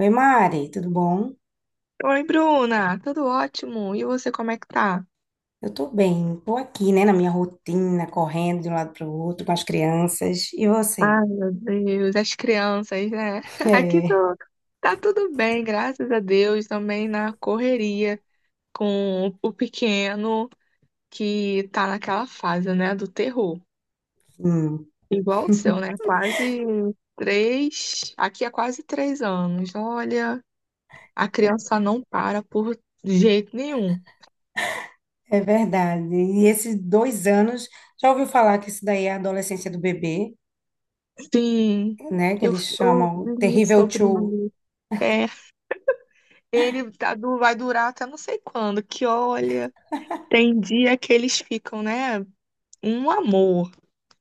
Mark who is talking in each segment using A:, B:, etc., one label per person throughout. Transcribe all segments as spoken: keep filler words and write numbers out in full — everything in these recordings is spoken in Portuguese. A: Oi, Mari, tudo bom?
B: Oi, Bruna, tudo ótimo? E você, como é que tá?
A: Eu tô bem, tô aqui, né, na minha rotina, correndo de um lado para o outro com as crianças. E você?
B: Ai, meu Deus, as crianças, né? Aqui
A: É,
B: tô, tá tudo bem, graças a Deus, também na correria com o o pequeno que tá naquela fase, né, do terror.
A: hum,
B: Igual o seu, né? Quase três, aqui é quase três anos. Olha, a criança não para por jeito nenhum.
A: é verdade. E esses dois anos, já ouviu falar que isso daí é a adolescência do bebê,
B: Sim,
A: né, que
B: eu,
A: eles
B: eu
A: chamam
B: li
A: Terrível
B: sobre
A: Two.
B: é, ele tá du- vai durar até não sei quando, que olha, tem dia que eles ficam, né? Um amor,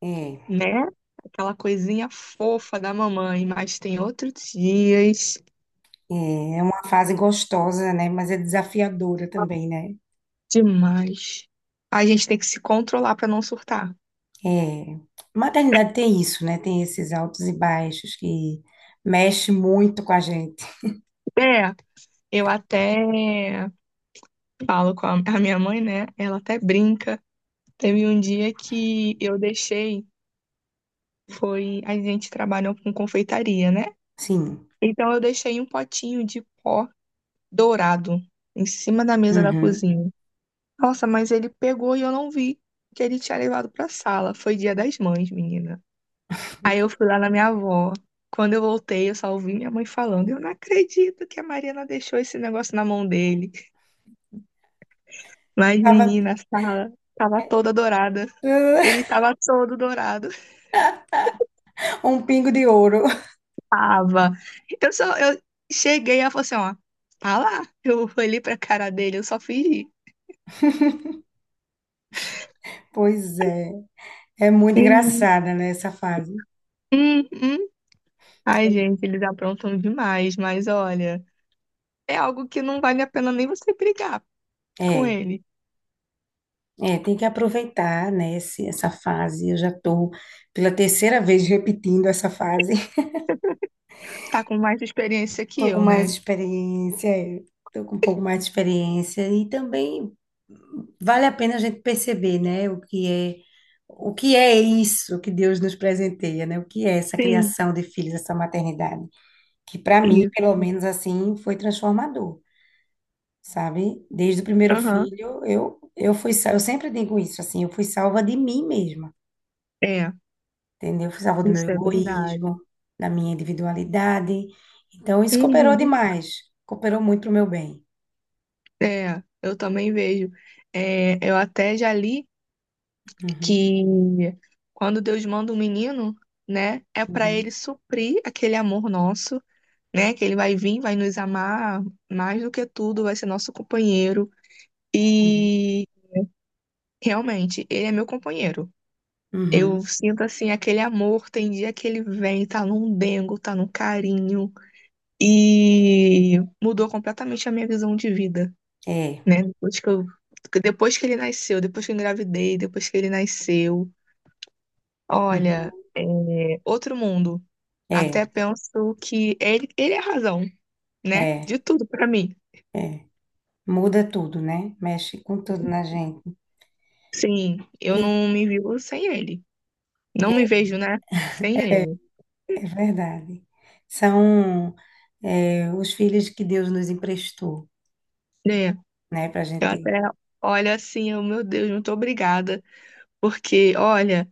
A: É,
B: né? Aquela coisinha fofa da mamãe, mas tem outros dias
A: é, é uma fase gostosa, né, mas é desafiadora também, né?
B: demais. A gente tem que se controlar pra não surtar.
A: É, maternidade tem isso, né, tem esses altos e baixos que mexe muito com a gente.
B: É, eu até falo com a, a minha mãe, né? Ela até brinca. Teve um dia que eu deixei, foi, a gente trabalhou com confeitaria, né?
A: Sim.
B: Então eu deixei um potinho de pó dourado em cima da mesa da
A: Uhum.
B: cozinha. Nossa, mas ele pegou e eu não vi que ele tinha levado pra sala. Foi dia das mães, menina. Aí eu fui lá na minha avó. Quando eu voltei, eu só ouvi minha mãe falando: eu não acredito que a Mariana deixou esse negócio na mão dele. Mas,
A: Tava
B: menina, a sala tava toda dourada. Ele tava todo dourado.
A: um pingo de ouro.
B: Tava. Eu só eu cheguei e falei assim: ó, tá lá. Eu olhei pra cara dele, eu só fingi.
A: Pois é. É muito
B: Uhum.
A: engraçada, né, essa fase.
B: Hum, hum. Ai, gente, eles aprontam demais, mas olha, é algo que não vale a pena nem você brigar com
A: É,
B: ele.
A: é, tem que aproveitar, né, esse- essa fase. Eu já tô pela terceira vez repetindo essa fase.
B: Tá com mais experiência que
A: Tô com
B: eu,
A: mais
B: né?
A: experiência, é, tô com um pouco mais de experiência e também vale a pena a gente perceber, né, o que é o que é isso que Deus nos presenteia, né? O que é essa
B: Sim,
A: criação de filhos, essa maternidade, que para mim,
B: isso.
A: pelo menos assim, foi transformador. Sabe? Desde o primeiro
B: Aham.
A: filho, eu eu fui, sa- eu sempre digo isso assim, eu fui salva de mim mesma,
B: É,
A: entendeu? Eu fui salva do meu
B: isso é
A: egoísmo,
B: verdade.
A: da minha individualidade. Então isso cooperou
B: Uhum.
A: demais, cooperou muito pro meu bem.
B: É, eu também vejo. É, eu até já li
A: Uhum,
B: que quando Deus manda um menino, né, é para ele
A: uhum,
B: suprir aquele amor nosso, né, que ele vai vir, vai nos amar mais do que tudo, vai ser nosso companheiro.
A: uhum,
B: e Realmente, ele é meu companheiro.
A: uhum.
B: Eu sinto assim aquele amor, tem dia que ele vem, tá num dengo, tá num carinho e mudou completamente a minha visão de vida,
A: É,
B: né? Depois que eu, depois que ele nasceu, depois que eu engravidei, depois que ele nasceu,
A: uhum,
B: olha, é outro mundo. Até
A: é,
B: penso que ele, ele é a razão, né?
A: é,
B: De tudo pra mim.
A: é. Muda tudo, né? Mexe com tudo na gente.
B: Sim,
A: E
B: eu não me vivo sem ele. Não me vejo, né? Sem ele.
A: é verdade. São, é, os filhos que Deus nos emprestou, né? Pra
B: Eu até
A: gente.
B: olho assim, eu, meu Deus, muito obrigada. Porque, olha,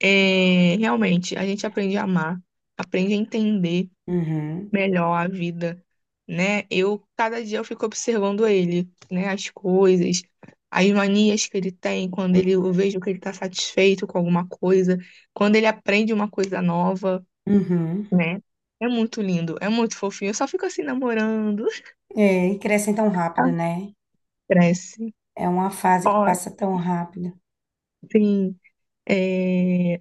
B: é, realmente, a gente aprende a amar, aprende a entender
A: Uhum.
B: melhor a vida, né? Eu, cada dia, eu fico observando ele, né? As coisas, as manias que ele tem, quando ele, eu vejo que ele tá satisfeito com alguma coisa, quando ele aprende uma coisa nova,
A: Uhum.
B: né? É muito lindo, é muito fofinho. Eu só fico assim, namorando.
A: É, e crescem tão rápido, né?
B: Cresce.
A: É uma fase que
B: Ó,
A: passa tão rápido.
B: sim. É,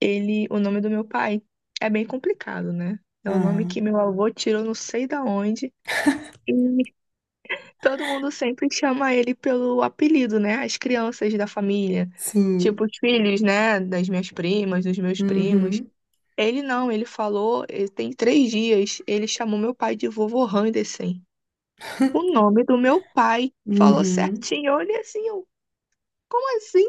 B: ele, o nome do meu pai é bem complicado, né? É o nome que
A: Aham.
B: meu avô tirou não sei da onde. E todo mundo sempre chama ele pelo apelido, né? As crianças da família,
A: Sim.
B: tipo os filhos, né? Das minhas primas, dos meus primos.
A: Uhum.
B: Ele não, ele falou, eh, tem três dias, ele chamou meu pai de vovô Henderson. O nome do meu pai falou
A: Uhum.
B: certinho. Eu assim, eu, como assim?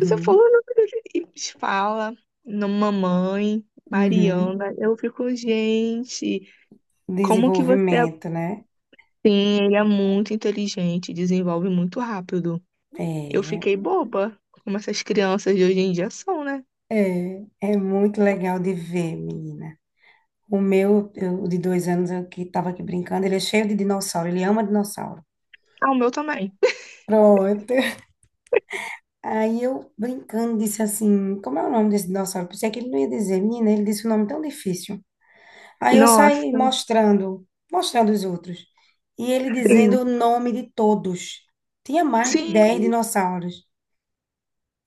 B: Você falou o nome dele e eles fala, no mamãe,
A: Uhum.
B: Mariana. Eu fico, gente, como que você é
A: Desenvolvimento, né?
B: assim? Ele é muito inteligente, desenvolve muito rápido. Eu
A: É,
B: fiquei boba, como essas crianças de hoje em dia são, né?
A: é, é muito legal de ver, menina. O meu, eu, o de dois anos, eu que estava aqui brincando, ele é cheio de dinossauro, ele ama dinossauro.
B: Ah, o meu também.
A: Pronto. Aí eu, brincando, disse assim, como é o nome desse dinossauro? Pensei que ele não ia dizer, menina, ele disse um nome tão difícil. Aí eu saí
B: Nossa,
A: mostrando, mostrando os outros. E ele dizendo
B: sim.
A: o nome de todos. Tinha mais de
B: Sim,
A: dez dinossauros.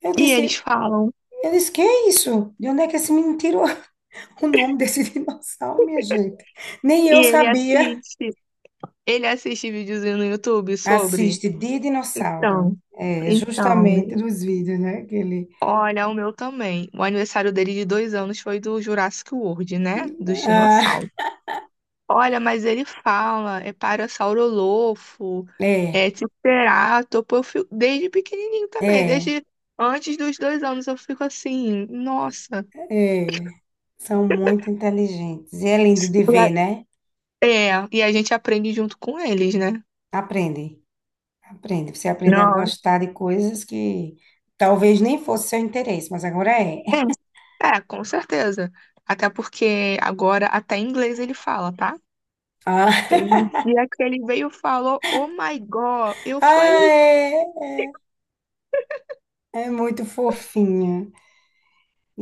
A: Eu
B: e eles
A: disse,
B: falam.
A: eu disse, que é isso? De onde é que esse menino tirou o nome desse dinossauro, minha gente? Nem
B: E
A: eu
B: ele
A: sabia.
B: assiste. Ele assiste videozinho no YouTube sobre.
A: Assiste de dinossauro.
B: Então,
A: É, justamente
B: então,
A: dos vídeos, né? Que ele...
B: Olha, o meu também. O aniversário dele de dois anos foi do Jurassic World, né? Dos
A: Ah,
B: dinossauros. Olha, mas ele fala, é Parasaurolofo,
A: é,
B: é Triceratopo. Eu fico, desde pequenininho também,
A: é,
B: desde antes dos dois anos eu fico assim, nossa.
A: é. São muito inteligentes. E é lindo de ver, né?
B: É, e a gente aprende junto com eles, né?
A: Aprendem. Aprende, você aprende a
B: Não.
A: gostar de coisas que talvez nem fosse seu interesse, mas agora é.
B: É, é, com certeza. Até porque agora até inglês ele fala, tá?
A: Ah,
B: Teve um dia que ele veio e falou, Oh my God. Eu
A: ah,
B: falei,
A: é, é, é muito fofinha.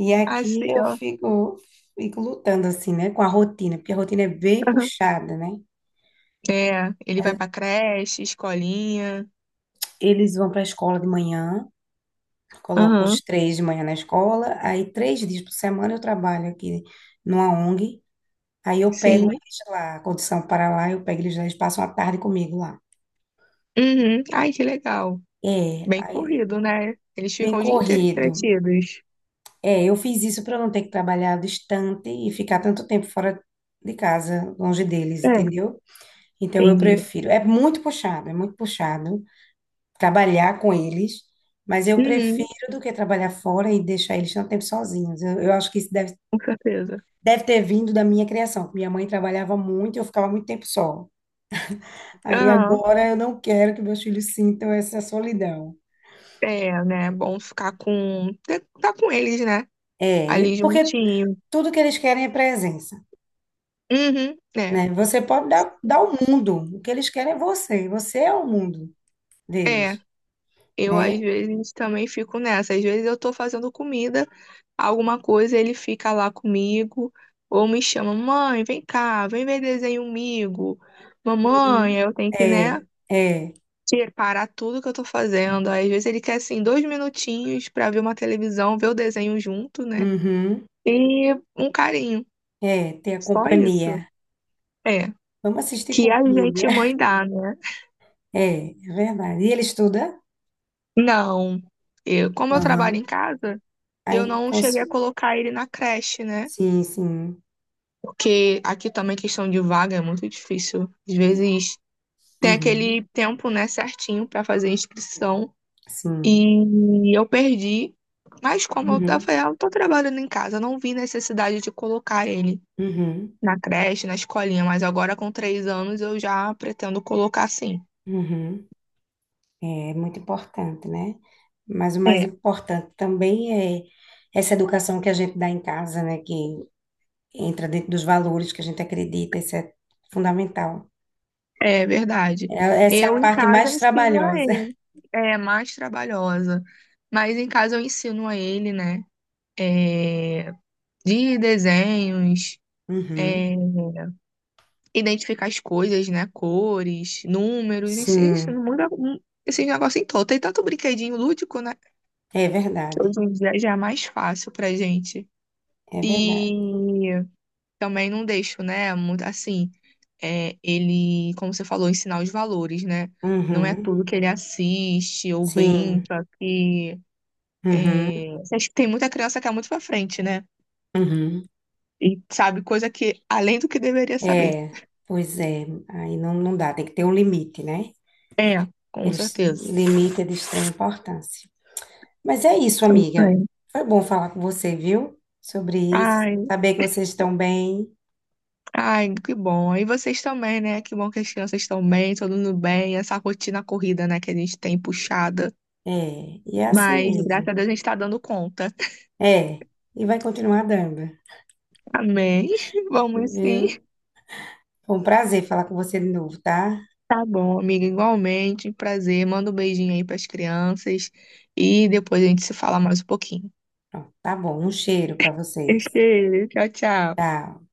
A: E aqui
B: assim,
A: eu
B: ó.
A: fico, fico lutando assim, né, com a rotina, porque a rotina é bem
B: Aham.
A: puxada, né?
B: É, ele vai pra creche, escolinha.
A: Eles vão para a escola de manhã, coloco os
B: Aham,
A: três de manhã na escola, aí três dias por semana eu trabalho aqui numa O N G, aí eu pego
B: sim.
A: eles lá, quando são para lá, eu pego eles lá, eles passam a tarde comigo lá.
B: Uhum. Ai, que legal. Bem
A: Aí,
B: corrido, né? Eles
A: bem
B: ficam o dia inteiro
A: corrido.
B: entretidos.
A: É, eu fiz isso para não ter que trabalhar distante e ficar tanto tempo fora de casa, longe deles,
B: É,
A: entendeu? Então eu
B: entendi.
A: prefiro. É muito puxado, é muito puxado trabalhar com eles, mas eu prefiro
B: Uhum,
A: do que trabalhar fora e deixar eles tanto tempo sozinhos. Eu, eu acho que isso deve,
B: com certeza.
A: deve ter vindo da minha criação, que minha mãe trabalhava muito e eu ficava muito tempo só. Aí
B: Aham,
A: agora eu não quero que meus filhos sintam essa solidão.
B: é, né? Bom ficar com. Tá com eles, né?
A: É,
B: Ali
A: porque
B: juntinho.
A: tudo que eles querem é presença.
B: Uhum, é.
A: Né? Você pode dar, dar o mundo, o que eles querem é você, você é o mundo
B: É.
A: deles,
B: Eu, às
A: né?
B: vezes, também fico nessa. Às vezes, eu tô fazendo comida, alguma coisa, ele fica lá comigo, ou me chama, mãe, vem cá, vem ver desenho comigo.
A: Uhum.
B: Mamãe, eu tenho que, né,
A: É, é,
B: tirar- parar tudo que eu tô fazendo. Às vezes, ele quer, assim, dois minutinhos pra ver uma televisão, ver o desenho junto, né?
A: uhum,
B: E um carinho.
A: é, ter a
B: Só isso.
A: companhia.
B: É.
A: Vamos assistir
B: Que a
A: comida.
B: gente, mãe, dá, né?
A: É, é verdade. E ele estuda?
B: Não. Eu, como eu trabalho em
A: Aham.
B: casa, eu
A: Aí
B: não cheguei a
A: consome.
B: colocar ele na creche, né?
A: Sim, sim.
B: Porque aqui também questão de vaga é muito difícil. Às vezes tem
A: Uhum,
B: aquele tempo, né, certinho para fazer a inscrição
A: sim.
B: e eu perdi. Mas como eu,
A: Uhum,
B: tava eu tô trabalhando em casa, eu não vi necessidade de colocar ele
A: uhum,
B: na creche, na escolinha, mas agora com três anos eu já pretendo colocar sim.
A: uhum. É muito importante, né? Mas o mais
B: É,
A: importante também é essa educação que a gente dá em casa, né? Que entra dentro dos valores que a gente acredita, isso é fundamental.
B: é verdade.
A: É- Essa é
B: Eu
A: a
B: em
A: parte
B: casa
A: mais
B: ensino a
A: trabalhosa.
B: ele, é mais trabalhosa, mas em casa eu ensino a ele, né? É, de desenhos,
A: Uhum.
B: é, identificar as coisas, né? Cores, números, isso, isso
A: Sim,
B: não muda um- esses negócios em todo. Tem tanto brinquedinho lúdico, né?
A: é
B: Que
A: verdade,
B: hoje em dia já é mais fácil pra gente.
A: é verdade.
B: E também não deixo, né? Muito assim, é, ele, como você falou, ensinar os valores, né? Não é
A: Uhum.
B: tudo que ele assiste ou
A: Sim,
B: brinca, que
A: uhum.
B: é, acho que tem muita criança que é muito pra frente, né?
A: Uhum.
B: E sabe coisa que além do que deveria saber.
A: É, pois é, aí não, não dá, tem que ter um limite, né?
B: É, com
A: Eles,
B: certeza.
A: limite é de extrema importância. Mas é isso, amiga. Foi bom falar com você, viu? Sobre isso,
B: Ai,
A: saber que vocês estão bem.
B: ai, que bom. E vocês também, né? Que bom que as crianças estão bem, todo mundo bem. Essa rotina corrida, né, que a gente tem puxada.
A: É, e é assim
B: Mas, graças
A: mesmo.
B: a Deus, a gente tá dando conta.
A: É, e vai continuar dando.
B: Amém. Vamos sim.
A: Viu? Foi um prazer falar com você de novo, tá?
B: Tá bom, amiga. Igualmente, prazer. Manda um beijinho aí pras crianças. E depois a gente se fala mais um pouquinho.
A: Pronto, tá bom. Um cheiro para vocês.
B: Beijo, tchau, tchau.
A: Tchau.